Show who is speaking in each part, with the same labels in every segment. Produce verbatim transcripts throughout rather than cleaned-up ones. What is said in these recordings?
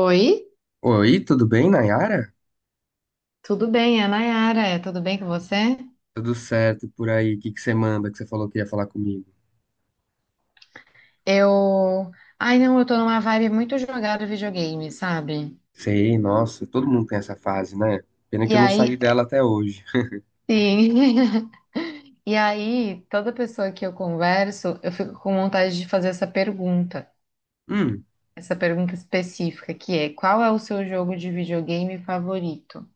Speaker 1: Oi,
Speaker 2: Oi, tudo bem, Nayara?
Speaker 1: tudo bem? É a Nayara, tudo bem com você?
Speaker 2: Tudo certo por aí? O que que você manda que você falou que ia falar comigo?
Speaker 1: Eu. Ai, não, eu tô numa vibe muito jogada videogame, sabe?
Speaker 2: Sei, nossa, todo mundo tem essa fase, né? Pena que
Speaker 1: E
Speaker 2: eu não saí
Speaker 1: aí,
Speaker 2: dela até hoje.
Speaker 1: sim. E aí, toda pessoa que eu converso, eu fico com vontade de fazer essa pergunta, essa pergunta específica, que é: qual é o seu jogo de videogame favorito?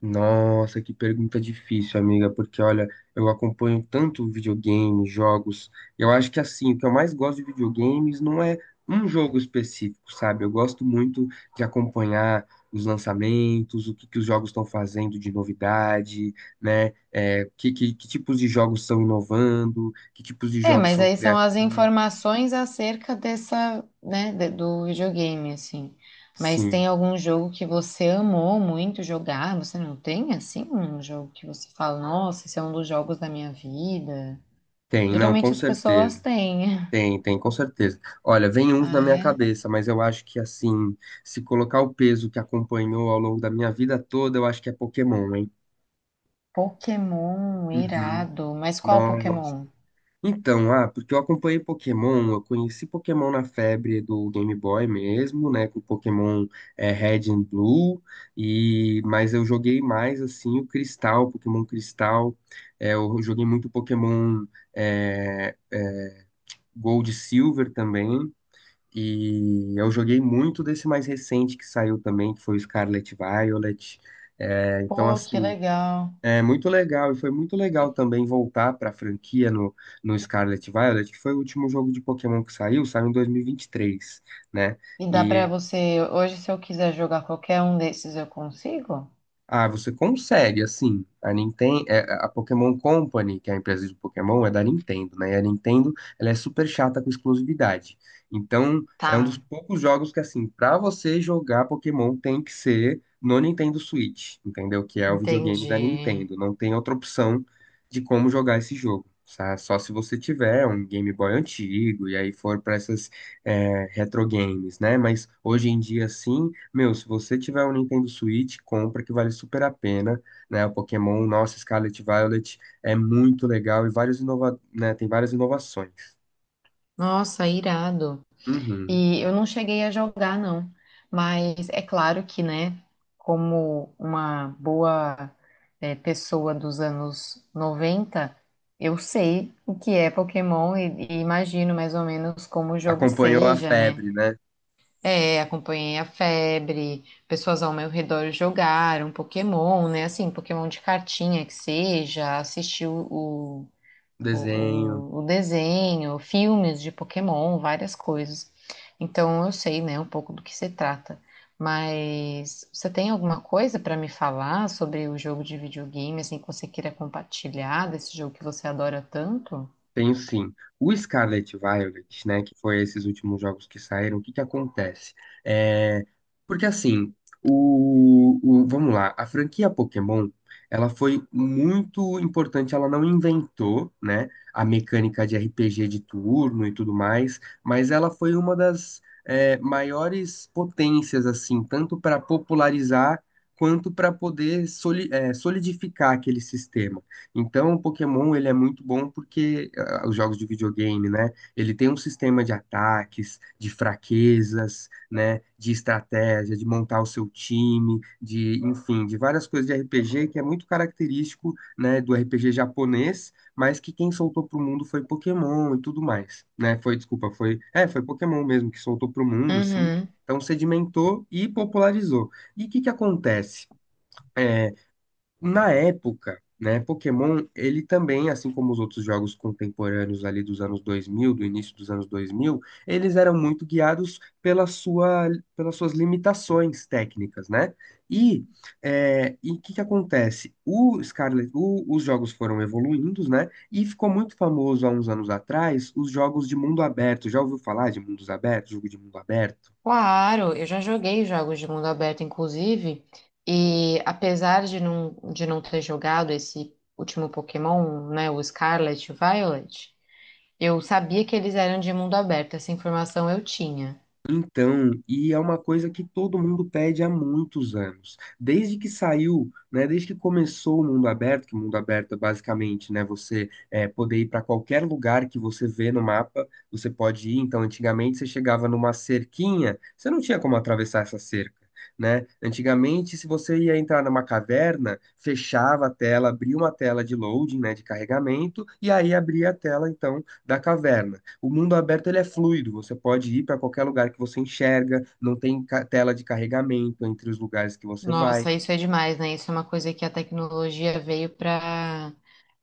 Speaker 2: Nossa, que pergunta difícil, amiga, porque olha, eu acompanho tanto videogame, jogos. Eu acho que assim, o que eu mais gosto de videogames não é um jogo específico, sabe? Eu gosto muito de acompanhar os lançamentos, o que que os jogos estão fazendo de novidade, né? É, que, que, que tipos de jogos estão inovando, que tipos de
Speaker 1: É,
Speaker 2: jogos
Speaker 1: mas
Speaker 2: são
Speaker 1: aí são as
Speaker 2: criativos.
Speaker 1: informações acerca dessa, né, de- do videogame, assim. Mas
Speaker 2: Sim,
Speaker 1: tem algum jogo que você amou muito jogar? Você não tem, assim, um jogo que você fala, nossa, esse é um dos jogos da minha vida?
Speaker 2: tem, não, com
Speaker 1: Geralmente as pessoas
Speaker 2: certeza.
Speaker 1: têm.
Speaker 2: Tem, tem, com certeza. Olha, vem uns na
Speaker 1: Ah,
Speaker 2: minha
Speaker 1: é?
Speaker 2: cabeça, mas eu acho que assim, se colocar o peso que acompanhou ao longo da minha vida toda, eu acho que é Pokémon, hein?
Speaker 1: Pokémon,
Speaker 2: Uhum.
Speaker 1: irado. Mas qual
Speaker 2: Nossa.
Speaker 1: Pokémon?
Speaker 2: Então, ah, porque eu acompanhei Pokémon, eu conheci Pokémon na febre do Game Boy mesmo, né, com Pokémon é, Red and Blue, e mas eu joguei mais assim o Cristal, Pokémon Cristal, é, eu joguei muito Pokémon é, é, Gold e Silver também. E eu joguei muito desse mais recente que saiu também, que foi o Scarlet Violet. É, então,
Speaker 1: Pô, que
Speaker 2: assim,
Speaker 1: legal.
Speaker 2: é muito legal. E foi muito legal também voltar para a franquia no, no Scarlet Violet, que foi o último jogo de Pokémon que saiu, saiu em dois mil e vinte e três, né?
Speaker 1: E dá pra
Speaker 2: e
Speaker 1: você, hoje, se eu quiser jogar qualquer um desses, eu consigo?
Speaker 2: Ah, você consegue, assim. A Nintendo, a Pokémon Company, que é a empresa de Pokémon, é da Nintendo, né? E a Nintendo, ela é super chata com exclusividade. Então, é
Speaker 1: Tá,
Speaker 2: um dos poucos jogos que, assim, pra você jogar Pokémon tem que ser no Nintendo Switch, entendeu? Que é o videogame da
Speaker 1: entendi.
Speaker 2: Nintendo. Não tem outra opção de como jogar esse jogo. sa- Só se você tiver um Game Boy antigo e aí for pra essas é, retro games, né? Mas hoje em dia, sim. Meu, se você tiver um Nintendo Switch, compra que vale super a pena, né? O Pokémon, nossa, Scarlet Violet é muito legal e vários inova... né? Tem várias inovações.
Speaker 1: Nossa, irado.
Speaker 2: Uhum.
Speaker 1: E eu não cheguei a jogar, não. Mas é claro que, né, como uma boa, eh, pessoa dos anos noventa, eu sei o que é Pokémon e, e imagino mais ou menos como o jogo
Speaker 2: Acompanhou a
Speaker 1: seja, né?
Speaker 2: febre, né?
Speaker 1: É, acompanhei a febre, pessoas ao meu redor jogaram Pokémon, né? Assim, Pokémon de cartinha que seja, assisti o, o, o
Speaker 2: Desenho.
Speaker 1: o desenho, filmes de Pokémon, várias coisas. Então eu sei, né, um pouco do que se trata. Mas você tem alguma coisa para me falar sobre o jogo de videogame, assim, que você queira compartilhar desse jogo que você adora tanto?
Speaker 2: Tenho sim. O Scarlet Violet, né, que foi esses últimos jogos que saíram, o que que acontece? É, porque assim, o, o- vamos lá, a franquia Pokémon, ela foi muito importante, ela não inventou, né, a mecânica de R P G de turno e tudo mais, mas ela foi uma das é, maiores potências, assim, tanto para popularizar quanto para poder soli- é, solidificar aquele sistema. Então, o Pokémon ele é muito bom porque ah, os jogos de videogame, né? Ele tem um sistema de ataques, de fraquezas, né? De estratégia, de montar o seu time, de, enfim, de várias coisas de R P G que é muito característico, né, do R P G japonês, mas que quem soltou pro mundo foi Pokémon e tudo mais, né? Foi, desculpa, foi, é, foi Pokémon mesmo que soltou pro mundo, sim.
Speaker 1: Uhum.
Speaker 2: Então sedimentou e popularizou. E o que que acontece? É, na época, né, Pokémon, ele também, assim como os outros jogos contemporâneos ali dos anos dois mil, do início dos anos dois mil, eles eram muito guiados pela sua, pelas suas limitações técnicas, né? E é, e o que que acontece? O Scarlet, o- os jogos foram evoluindo, né? E ficou muito famoso há uns anos atrás os jogos de mundo aberto. Já ouviu falar de mundos abertos, jogo de mundo aberto?
Speaker 1: Claro, eu já joguei jogos de mundo aberto, inclusive, e apesar de não, de não ter jogado esse último Pokémon, né, o Scarlet e o Violet. Eu sabia que eles eram de mundo aberto, essa informação eu tinha.
Speaker 2: Então, e é uma coisa que todo mundo pede há muitos anos. Desde que saiu, né, desde que começou o mundo aberto, que o mundo aberto é basicamente, né, você é, poder ir para qualquer lugar que você vê no mapa, você pode ir. Então, antigamente você chegava numa cerquinha, você não tinha como atravessar essa cerca, né? Antigamente, se você ia entrar numa caverna, fechava a tela, abria uma tela de loading, né, de carregamento, e aí abria a tela, então, da caverna. O mundo aberto ele é fluido, você pode ir para qualquer lugar que você enxerga, não tem ca- tela de carregamento entre os lugares que você vai.
Speaker 1: Nossa, isso é demais, né? Isso é uma coisa que a tecnologia veio para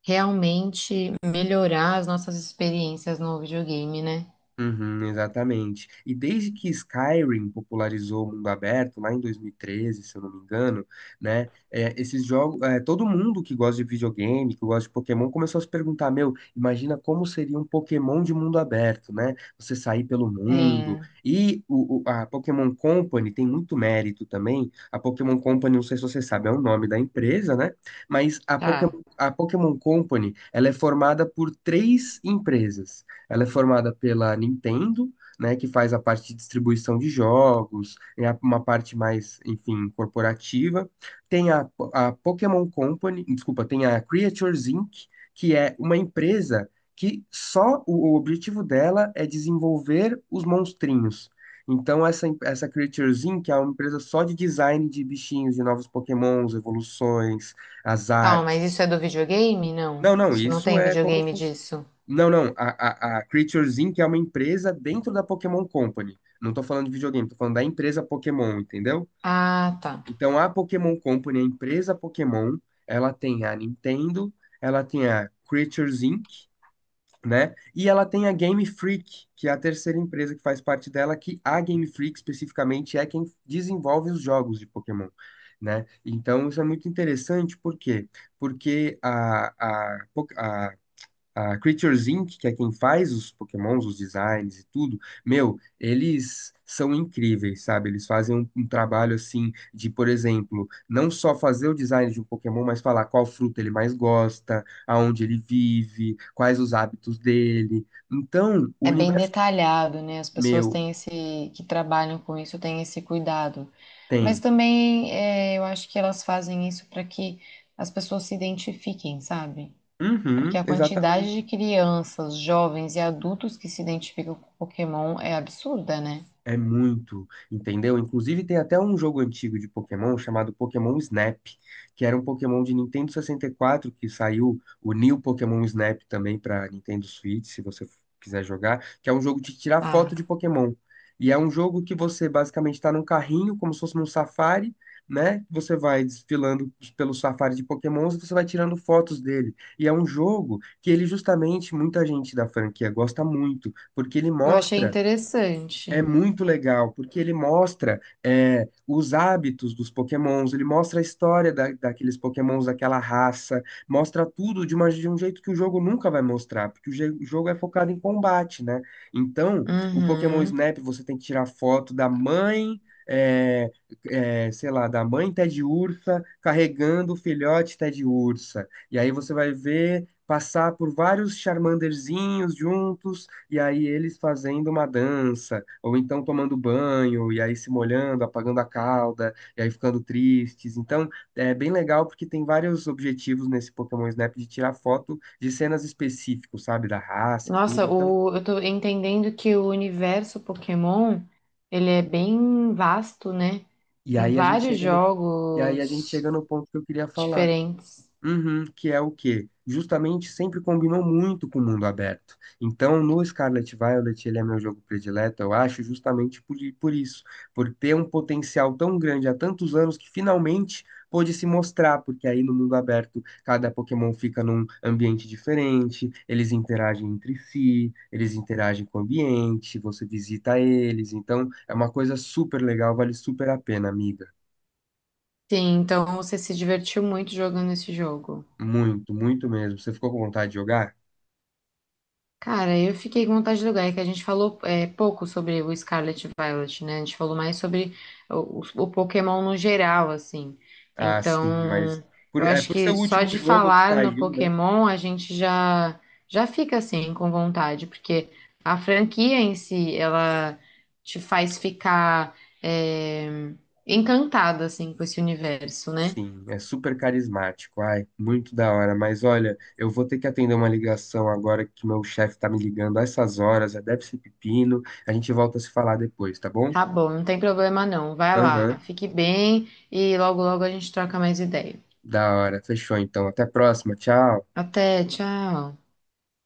Speaker 1: realmente melhorar as nossas experiências no videogame, né?
Speaker 2: Uhum, exatamente. E desde que Skyrim popularizou o mundo aberto, lá em dois mil e treze, se eu não me engano, né? é, esses jogos, é, todo mundo que gosta de videogame, que gosta de Pokémon, começou a se perguntar, meu, imagina como seria um Pokémon de mundo aberto, né? Você sair pelo mundo.
Speaker 1: Sim,
Speaker 2: E o, o- a Pokémon Company tem muito mérito também. A Pokémon Company, não sei se você sabe, é o nome da empresa, né? Mas a
Speaker 1: tá.
Speaker 2: Pokémon, a Pokémon Company, ela é formada por três empresas. Ela é formada pela Nintendo, né, que faz a parte de distribuição de jogos, é a- uma parte mais, enfim, corporativa. Tem a, a Pokémon Company, desculpa, tem a Creatures Inc, que é uma empresa que só o, o objetivo dela é desenvolver os monstrinhos. Então, essa, em- essa Creatures Inc é uma empresa só de design de bichinhos, de novos Pokémons, evoluções, as
Speaker 1: Calma,
Speaker 2: artes.
Speaker 1: mas isso é do videogame? Não.
Speaker 2: Não, não,
Speaker 1: Isso não
Speaker 2: isso
Speaker 1: tem
Speaker 2: é como
Speaker 1: videogame
Speaker 2: funciona.
Speaker 1: disso.
Speaker 2: Não, não. A, a, a Creatures Inc é uma empresa dentro da Pokémon Company. Não tô falando de videogame, tô falando da empresa Pokémon, entendeu?
Speaker 1: Ah, tá.
Speaker 2: Então a Pokémon Company, a empresa Pokémon, ela tem a Nintendo, ela tem a Creatures Inc, né? E ela tem a Game Freak, que é a terceira empresa que faz parte dela, que a Game Freak especificamente é quem desenvolve os jogos de Pokémon. Né? Então isso é muito interessante, por quê? Porque a, a, Po- a a Creatures Inc, que é quem faz os Pokémons, os designs e tudo, meu, eles são incríveis, sabe? Eles fazem um, um trabalho assim de, por exemplo, não só fazer o design de um Pokémon, mas falar qual fruta ele mais gosta, aonde ele vive, quais os hábitos dele. Então, o
Speaker 1: É bem
Speaker 2: universo
Speaker 1: detalhado, né? As pessoas
Speaker 2: meu
Speaker 1: têm esse, que trabalham com isso, têm esse cuidado. Mas
Speaker 2: tem.
Speaker 1: também é, eu acho que elas fazem isso para que as pessoas se identifiquem, sabe? Porque
Speaker 2: Uhum,
Speaker 1: a
Speaker 2: exatamente.
Speaker 1: quantidade de crianças, jovens e adultos que se identificam com Pokémon é absurda, né?
Speaker 2: É muito, entendeu? Inclusive tem até um jogo antigo de Pokémon chamado Pokémon Snap, que era um Pokémon de Nintendo sessenta e quatro que saiu, o New Pokémon Snap também para Nintendo Switch, se você quiser jogar, que é um jogo de tirar foto
Speaker 1: Ah,
Speaker 2: de Pokémon. E é um jogo que você basicamente está num carrinho, como se fosse num safari, né? Você vai desfilando pelo safari de Pokémons e você vai tirando fotos dele. E é um jogo que ele justamente, muita gente da franquia gosta muito, porque ele
Speaker 1: eu achei
Speaker 2: mostra é
Speaker 1: interessante.
Speaker 2: muito legal, porque ele mostra é, os hábitos dos Pokémons, ele mostra a história da, daqueles Pokémons, daquela raça, mostra tudo de, uma- de um jeito que o jogo nunca vai mostrar, porque o, je- o jogo é focado em combate, né? Então, o Pokémon
Speaker 1: Uhum.
Speaker 2: Snap, você tem que tirar foto da mãe, é, é, sei lá, da mãe Ted Ursa carregando o filhote Ted Ursa. E aí você vai ver passar por vários Charmanderzinhos juntos e aí eles fazendo uma dança, ou então tomando banho, e aí se molhando, apagando a cauda, e aí ficando tristes. Então, é bem legal porque tem vários objetivos nesse Pokémon Snap de tirar foto de cenas específicas, sabe, da raça e tudo.
Speaker 1: Nossa,
Speaker 2: Então,
Speaker 1: o, eu tô entendendo que o universo Pokémon, ele é bem vasto, né?
Speaker 2: e
Speaker 1: Tem
Speaker 2: aí a gente
Speaker 1: vários
Speaker 2: chega no, e aí a gente
Speaker 1: jogos
Speaker 2: chega no ponto que eu queria falar.
Speaker 1: diferentes.
Speaker 2: Uhum, que é o quê? Justamente sempre combinou muito com o mundo aberto. Então, no Scarlet Violet, ele é meu jogo predileto, eu acho, justamente por, por isso, por ter um potencial tão grande há tantos anos que finalmente pôde se mostrar, porque aí no mundo aberto, cada Pokémon fica num ambiente diferente, eles interagem entre si, eles interagem com o ambiente, você visita eles, então é uma coisa super legal, vale super a pena, amiga.
Speaker 1: Sim, então você se divertiu muito jogando esse jogo.
Speaker 2: Muito, muito mesmo. Você ficou com vontade de jogar?
Speaker 1: Cara, eu fiquei com vontade de jogar, é que a gente falou é, pouco sobre o Scarlet e Violet, né? A gente falou mais sobre o, o Pokémon no geral, assim.
Speaker 2: Ah, sim, mas
Speaker 1: Então,
Speaker 2: por,
Speaker 1: eu
Speaker 2: é,
Speaker 1: acho
Speaker 2: por ser o
Speaker 1: que só
Speaker 2: último
Speaker 1: de
Speaker 2: jogo que
Speaker 1: falar no
Speaker 2: saiu, né?
Speaker 1: Pokémon a gente já já fica assim com vontade, porque a franquia em si, ela te faz ficar é, encantada assim com esse universo, né?
Speaker 2: Sim, é super carismático. Ai, muito da hora. Mas olha, eu vou ter que atender uma ligação agora que meu chefe tá me ligando a essas horas. Já deve ser pepino. A gente volta a se falar depois, tá bom?
Speaker 1: Tá bom, não tem problema não. Vai lá,
Speaker 2: Aham,
Speaker 1: fique bem e logo logo a gente troca mais ideia.
Speaker 2: da hora. Fechou então. Até a próxima. Tchau.
Speaker 1: Até, tchau.